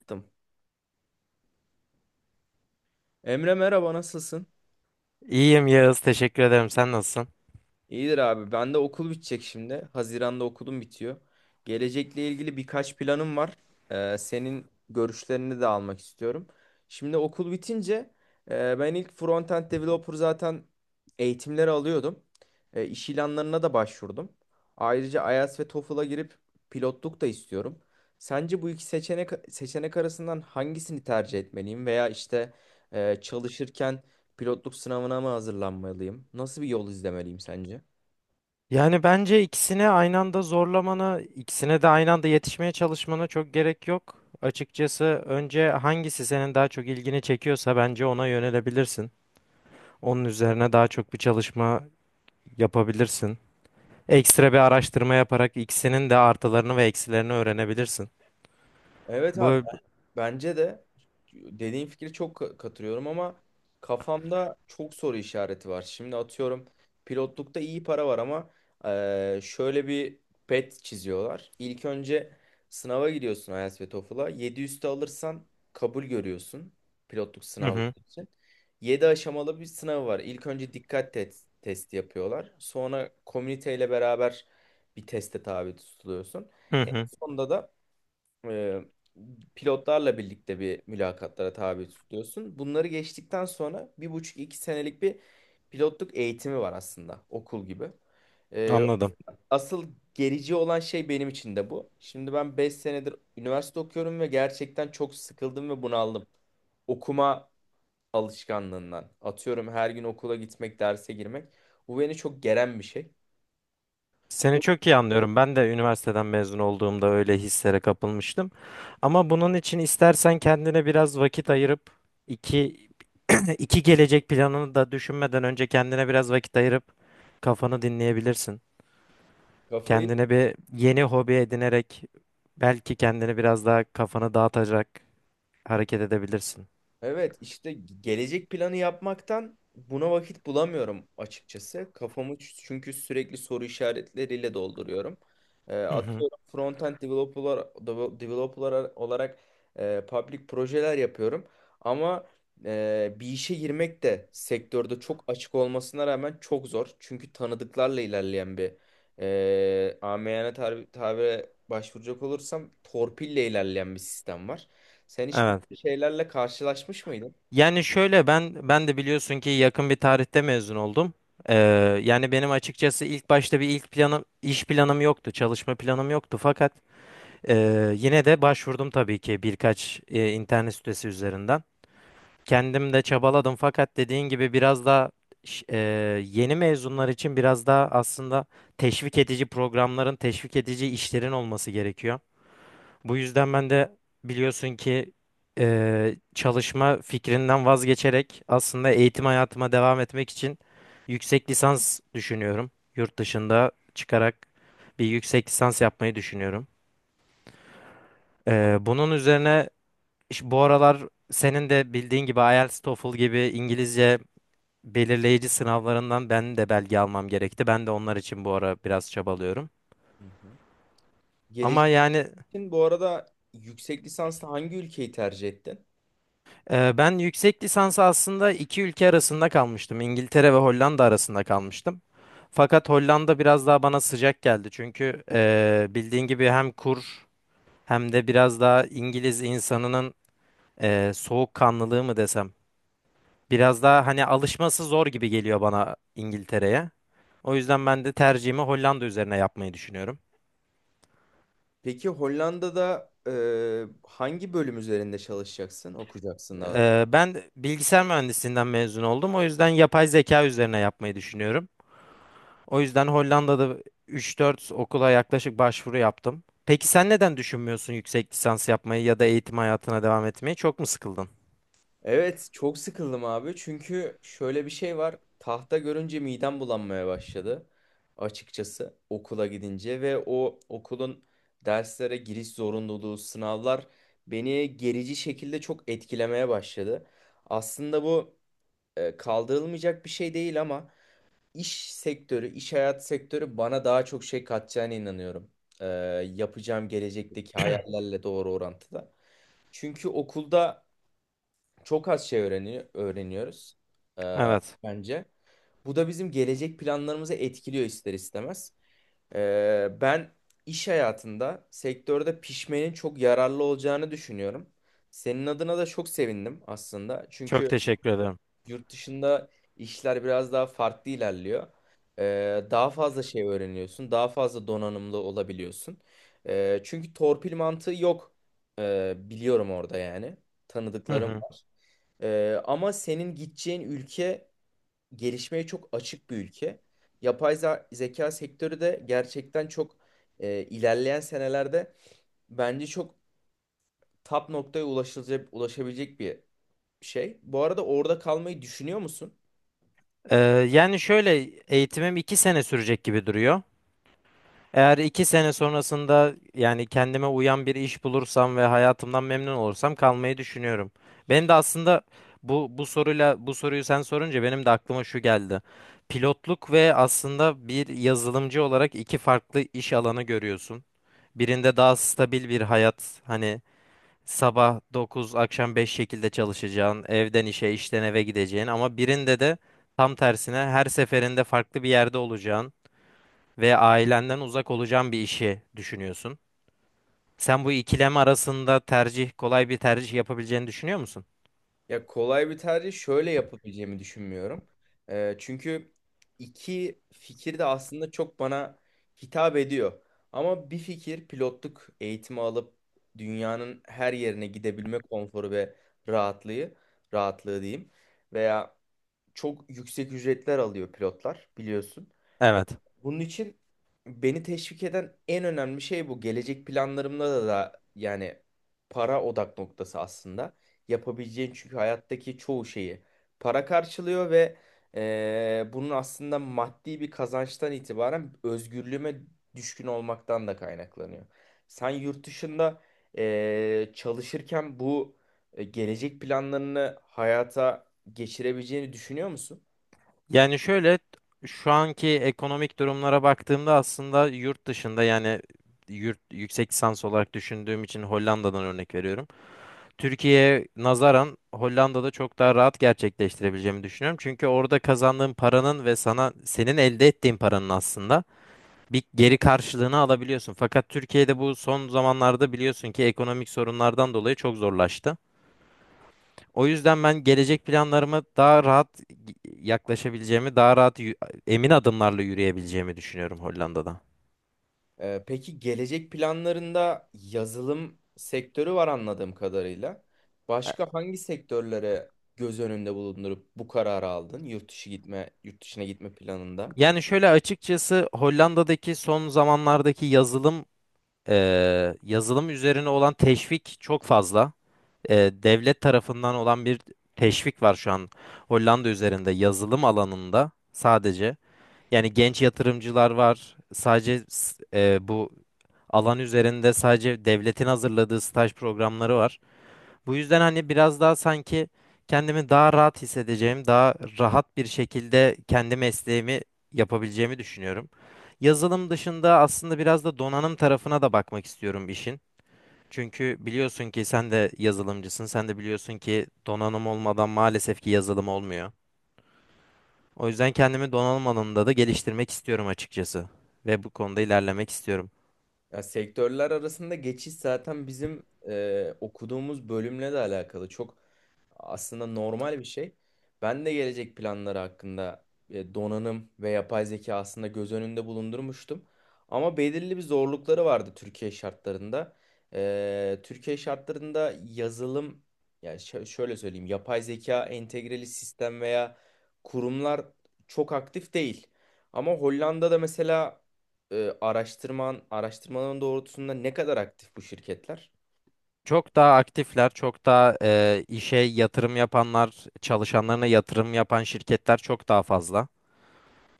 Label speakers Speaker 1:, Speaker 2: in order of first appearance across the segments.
Speaker 1: Yaptım. Emre, merhaba, nasılsın?
Speaker 2: İyiyim Yağız, teşekkür ederim. Sen nasılsın?
Speaker 1: İyidir abi. Ben de okul bitecek şimdi. Haziran'da okulum bitiyor. Gelecekle ilgili birkaç planım var. Senin görüşlerini de almak istiyorum. Şimdi okul bitince ben ilk frontend developer zaten eğitimleri alıyordum. E, iş ilanlarına da başvurdum. Ayrıca IELTS ve TOEFL'a girip pilotluk da istiyorum. Sence bu iki seçenek arasından hangisini tercih etmeliyim, veya işte, çalışırken pilotluk sınavına mı hazırlanmalıyım? Nasıl bir yol izlemeliyim sence?
Speaker 2: Yani bence ikisine aynı anda zorlamana, ikisine de aynı anda yetişmeye çalışmana çok gerek yok. Açıkçası önce hangisi senin daha çok ilgini çekiyorsa bence ona yönelebilirsin. Onun üzerine daha çok bir çalışma yapabilirsin. Ekstra bir araştırma yaparak ikisinin de artılarını ve eksilerini öğrenebilirsin.
Speaker 1: Evet abi,
Speaker 2: Bu
Speaker 1: bence de dediğin fikri çok katılıyorum ama kafamda çok soru işareti var. Şimdi atıyorum, pilotlukta iyi para var ama şöyle bir pet çiziyorlar. İlk önce sınava giriyorsun IELTS ve TOEFL'a. Yedi üstü alırsan kabul görüyorsun pilotluk
Speaker 2: hı hı,
Speaker 1: sınavları için. Yedi aşamalı bir sınavı var. İlk önce dikkat testi yapıyorlar. Sonra komüniteyle beraber bir teste tabi tutuluyorsun.
Speaker 2: hı
Speaker 1: En
Speaker 2: hı,
Speaker 1: sonunda da e, pilotlarla birlikte bir mülakatlara tabi tutuyorsun. Bunları geçtikten sonra bir buçuk iki senelik bir pilotluk eğitimi var, aslında okul gibi. E,
Speaker 2: anladım.
Speaker 1: asıl gerici olan şey benim için de bu. Şimdi ben 5 senedir üniversite okuyorum ve gerçekten çok sıkıldım ve bunaldım. Okuma alışkanlığından. Atıyorum, her gün okula gitmek, derse girmek. Bu beni çok geren bir şey.
Speaker 2: Seni
Speaker 1: O.
Speaker 2: çok iyi anlıyorum. Ben de üniversiteden mezun olduğumda öyle hislere kapılmıştım. Ama bunun için istersen kendine biraz vakit ayırıp iki iki gelecek planını da düşünmeden önce kendine biraz vakit ayırıp kafanı dinleyebilirsin.
Speaker 1: Kafayı.
Speaker 2: Kendine bir yeni hobi edinerek belki kendini biraz daha kafanı dağıtacak hareket edebilirsin.
Speaker 1: Evet, işte gelecek planı yapmaktan buna vakit bulamıyorum açıkçası. Kafamı çünkü sürekli soru işaretleriyle dolduruyorum. Ee,
Speaker 2: Hı hı.
Speaker 1: atıyorum frontend developer, developer olarak public projeler yapıyorum. Ama bir işe girmek de sektörde çok açık olmasına rağmen çok zor. Çünkü tanıdıklarla ilerleyen bir amiyane tabire başvuracak olursam torpille ilerleyen bir sistem var. Sen hiç böyle
Speaker 2: Evet.
Speaker 1: şeylerle karşılaşmış mıydın?
Speaker 2: Yani şöyle ben de biliyorsun ki yakın bir tarihte mezun oldum. Ee, Yani benim açıkçası ilk başta bir ilk planım iş planım yoktu, çalışma planım yoktu fakat yine de başvurdum tabii ki birkaç internet sitesi üzerinden. Kendim de çabaladım fakat dediğin gibi biraz daha ş- e, yeni mezunlar için biraz daha aslında teşvik edici programların, teşvik edici işlerin olması gerekiyor. Bu yüzden ben de biliyorsun ki çalışma fikrinden vazgeçerek aslında eğitim hayatıma devam etmek için yüksek lisans düşünüyorum. Yurt dışında çıkarak bir yüksek lisans yapmayı düşünüyorum. Bunun üzerine bu aralar senin de bildiğin gibi IELTS, TOEFL gibi İngilizce belirleyici sınavlarından ben de belge almam gerekti. Ben de onlar için bu ara biraz çabalıyorum.
Speaker 1: Hı hı.
Speaker 2: Ama
Speaker 1: Gelecek
Speaker 2: yani
Speaker 1: için bu arada yüksek lisansta hangi ülkeyi tercih ettin?
Speaker 2: ben yüksek lisansı aslında iki ülke arasında kalmıştım. İngiltere ve Hollanda arasında kalmıştım. Fakat Hollanda biraz daha bana sıcak geldi. Çünkü bildiğin gibi hem kur hem de biraz daha İngiliz insanının soğukkanlılığı mı desem. Biraz daha hani alışması zor gibi geliyor bana İngiltere'ye. O yüzden ben de tercihimi Hollanda üzerine yapmayı düşünüyorum.
Speaker 1: Peki Hollanda'da hangi bölüm üzerinde çalışacaksın, okuyacaksın daha.
Speaker 2: Ben bilgisayar mühendisliğinden mezun oldum. O yüzden yapay zeka üzerine yapmayı düşünüyorum. O yüzden Hollanda'da üç dört okula yaklaşık başvuru yaptım. Peki sen neden düşünmüyorsun yüksek lisans yapmayı ya da eğitim hayatına devam etmeyi? Çok mu sıkıldın?
Speaker 1: Evet, çok sıkıldım abi. Çünkü şöyle bir şey var. Tahta görünce midem bulanmaya başladı açıkçası okula gidince ve o okulun derslere giriş zorunluluğu, sınavlar beni gerici şekilde çok etkilemeye başladı. Aslında bu kaldırılmayacak bir şey değil ama iş sektörü, iş hayat sektörü bana daha çok şey katacağına inanıyorum. E, yapacağım gelecekteki hayallerle doğru orantıda. Çünkü okulda çok az şey öğreniyoruz, e,
Speaker 2: Evet.
Speaker 1: bence. Bu da bizim gelecek planlarımızı etkiliyor ister istemez. Ben iş hayatında sektörde pişmenin çok yararlı olacağını düşünüyorum. Senin adına da çok sevindim aslında.
Speaker 2: Çok
Speaker 1: Çünkü
Speaker 2: teşekkür ederim.
Speaker 1: yurt dışında işler biraz daha farklı ilerliyor. Daha fazla şey öğreniyorsun, daha fazla donanımlı olabiliyorsun. Çünkü torpil mantığı yok, biliyorum orada yani.
Speaker 2: Hı
Speaker 1: Tanıdıklarım
Speaker 2: hı.
Speaker 1: var. Ama senin gideceğin ülke gelişmeye çok açık bir ülke. Yapay zeka sektörü de gerçekten çok ilerleyen senelerde bence çok top noktaya ulaşılacak, ulaşabilecek bir şey. Bu arada orada kalmayı düşünüyor musun?
Speaker 2: Ee, Yani şöyle eğitimim 2 sene sürecek gibi duruyor. Eğer iki sene sonrasında yani kendime uyan bir iş bulursam ve hayatımdan memnun olursam kalmayı düşünüyorum. Benim de aslında bu soruyu sen sorunca benim de aklıma şu geldi. Pilotluk ve aslında bir yazılımcı olarak iki farklı iş alanı görüyorsun. Birinde daha stabil bir hayat hani sabah 9 akşam 5 şekilde çalışacağın, evden işe, işten eve gideceğin ama birinde de tam tersine her seferinde farklı bir yerde olacağın ve ailenden uzak olacağın bir işi düşünüyorsun. Sen bu ikilem arasında tercih, kolay bir tercih yapabileceğini düşünüyor musun?
Speaker 1: Ya, kolay bir tercih şöyle yapabileceğimi düşünmüyorum. Çünkü iki fikir de aslında çok bana hitap ediyor. Ama bir fikir, pilotluk eğitimi alıp dünyanın her yerine gidebilme konforu ve rahatlığı, rahatlığı diyeyim. Veya çok yüksek ücretler alıyor pilotlar, biliyorsun.
Speaker 2: Evet.
Speaker 1: Bunun için beni teşvik eden en önemli şey bu. Gelecek planlarımda da yani para odak noktası aslında. Yapabileceğin çünkü hayattaki çoğu şeyi para karşılıyor ve bunun aslında maddi bir kazançtan itibaren özgürlüğüme düşkün olmaktan da kaynaklanıyor. Sen yurt dışında çalışırken bu gelecek planlarını hayata geçirebileceğini düşünüyor musun?
Speaker 2: Yani şöyle şu anki ekonomik durumlara baktığımda aslında yurt dışında yani yurt yüksek lisans olarak düşündüğüm için Hollanda'dan örnek veriyorum. Türkiye'ye nazaran Hollanda'da çok daha rahat gerçekleştirebileceğimi düşünüyorum. Çünkü orada kazandığın paranın ve senin elde ettiğin paranın aslında bir geri karşılığını alabiliyorsun. Fakat Türkiye'de bu son zamanlarda biliyorsun ki ekonomik sorunlardan dolayı çok zorlaştı. O yüzden ben gelecek planlarıma daha rahat yaklaşabileceğimi, emin adımlarla yürüyebileceğimi düşünüyorum Hollanda'da.
Speaker 1: Peki gelecek planlarında yazılım sektörü var anladığım kadarıyla. Başka hangi sektörlere göz önünde bulundurup bu kararı aldın? Yurt dışına gitme planında.
Speaker 2: Yani şöyle açıkçası Hollanda'daki son zamanlardaki yazılım yazılım üzerine olan teşvik çok fazla. Devlet tarafından olan bir teşvik var şu an Hollanda üzerinde yazılım alanında sadece. Yani genç yatırımcılar var. Bu alan üzerinde sadece devletin hazırladığı staj programları var. Bu yüzden hani biraz daha sanki kendimi daha rahat hissedeceğim, daha rahat bir şekilde kendi mesleğimi yapabileceğimi düşünüyorum. Yazılım dışında aslında biraz da donanım tarafına da bakmak istiyorum işin. Çünkü biliyorsun ki sen de yazılımcısın, sen de biliyorsun ki donanım olmadan maalesef ki yazılım olmuyor. O yüzden kendimi donanım alanında da geliştirmek istiyorum açıkçası. Ve bu konuda ilerlemek istiyorum.
Speaker 1: Ya, sektörler arasında geçiş zaten bizim okuduğumuz bölümle de alakalı. Çok aslında normal bir şey. Ben de gelecek planları hakkında donanım ve yapay zeka aslında göz önünde bulundurmuştum. Ama belirli bir zorlukları vardı Türkiye şartlarında. Türkiye şartlarında yazılım, yani şöyle söyleyeyim, yapay zeka entegreli sistem veya kurumlar çok aktif değil. Ama Hollanda'da mesela araştırmaların doğrultusunda ne kadar aktif bu şirketler?
Speaker 2: Çok daha aktifler, çok daha işe yatırım yapanlar, çalışanlarına yatırım yapan şirketler çok daha fazla.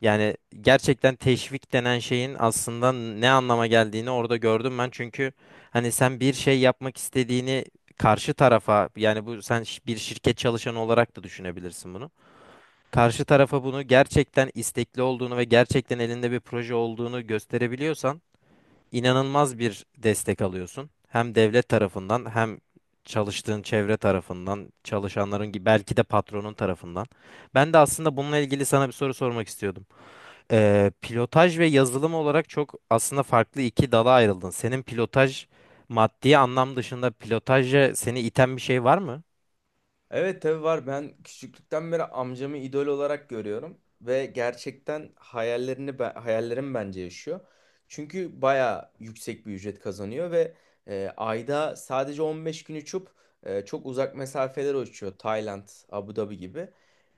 Speaker 2: Yani gerçekten teşvik denen şeyin aslında ne anlama geldiğini orada gördüm ben. Çünkü hani sen bir şey yapmak istediğini karşı tarafa, yani bu bir şirket çalışanı olarak da düşünebilirsin bunu. Karşı tarafa bunu gerçekten istekli olduğunu ve gerçekten elinde bir proje olduğunu gösterebiliyorsan inanılmaz bir destek alıyorsun. Hem devlet tarafından hem çalıştığın çevre tarafından, çalışanların gibi belki de patronun tarafından. Ben de aslında bununla ilgili sana bir soru sormak istiyordum. Pilotaj ve yazılım olarak çok aslında farklı iki dala ayrıldın. Senin pilotaj maddi anlam dışında pilotaja seni iten bir şey var mı?
Speaker 1: Evet tabii var. Ben küçüklükten beri amcamı idol olarak görüyorum ve gerçekten hayallerim bence yaşıyor. Çünkü bayağı yüksek bir ücret kazanıyor ve ayda sadece 15 gün uçup çok uzak mesafeler uçuyor. Tayland, Abu Dhabi gibi.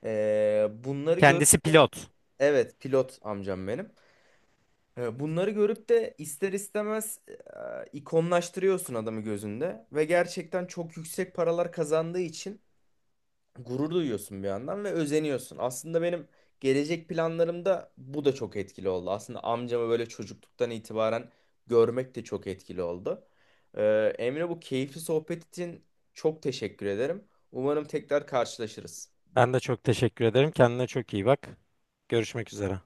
Speaker 1: Bunları gör...
Speaker 2: Kendisi pilot.
Speaker 1: Evet, pilot amcam benim. Bunları görüp de ister istemez, ikonlaştırıyorsun adamı gözünde ve gerçekten çok yüksek paralar kazandığı için gurur duyuyorsun bir yandan ve özeniyorsun. Aslında benim gelecek planlarımda bu da çok etkili oldu. Aslında amcamı böyle çocukluktan itibaren görmek de çok etkili oldu. Emre, bu keyifli sohbet için çok teşekkür ederim. Umarım tekrar karşılaşırız.
Speaker 2: Ben de çok teşekkür ederim. Kendine çok iyi bak. Görüşmek üzere.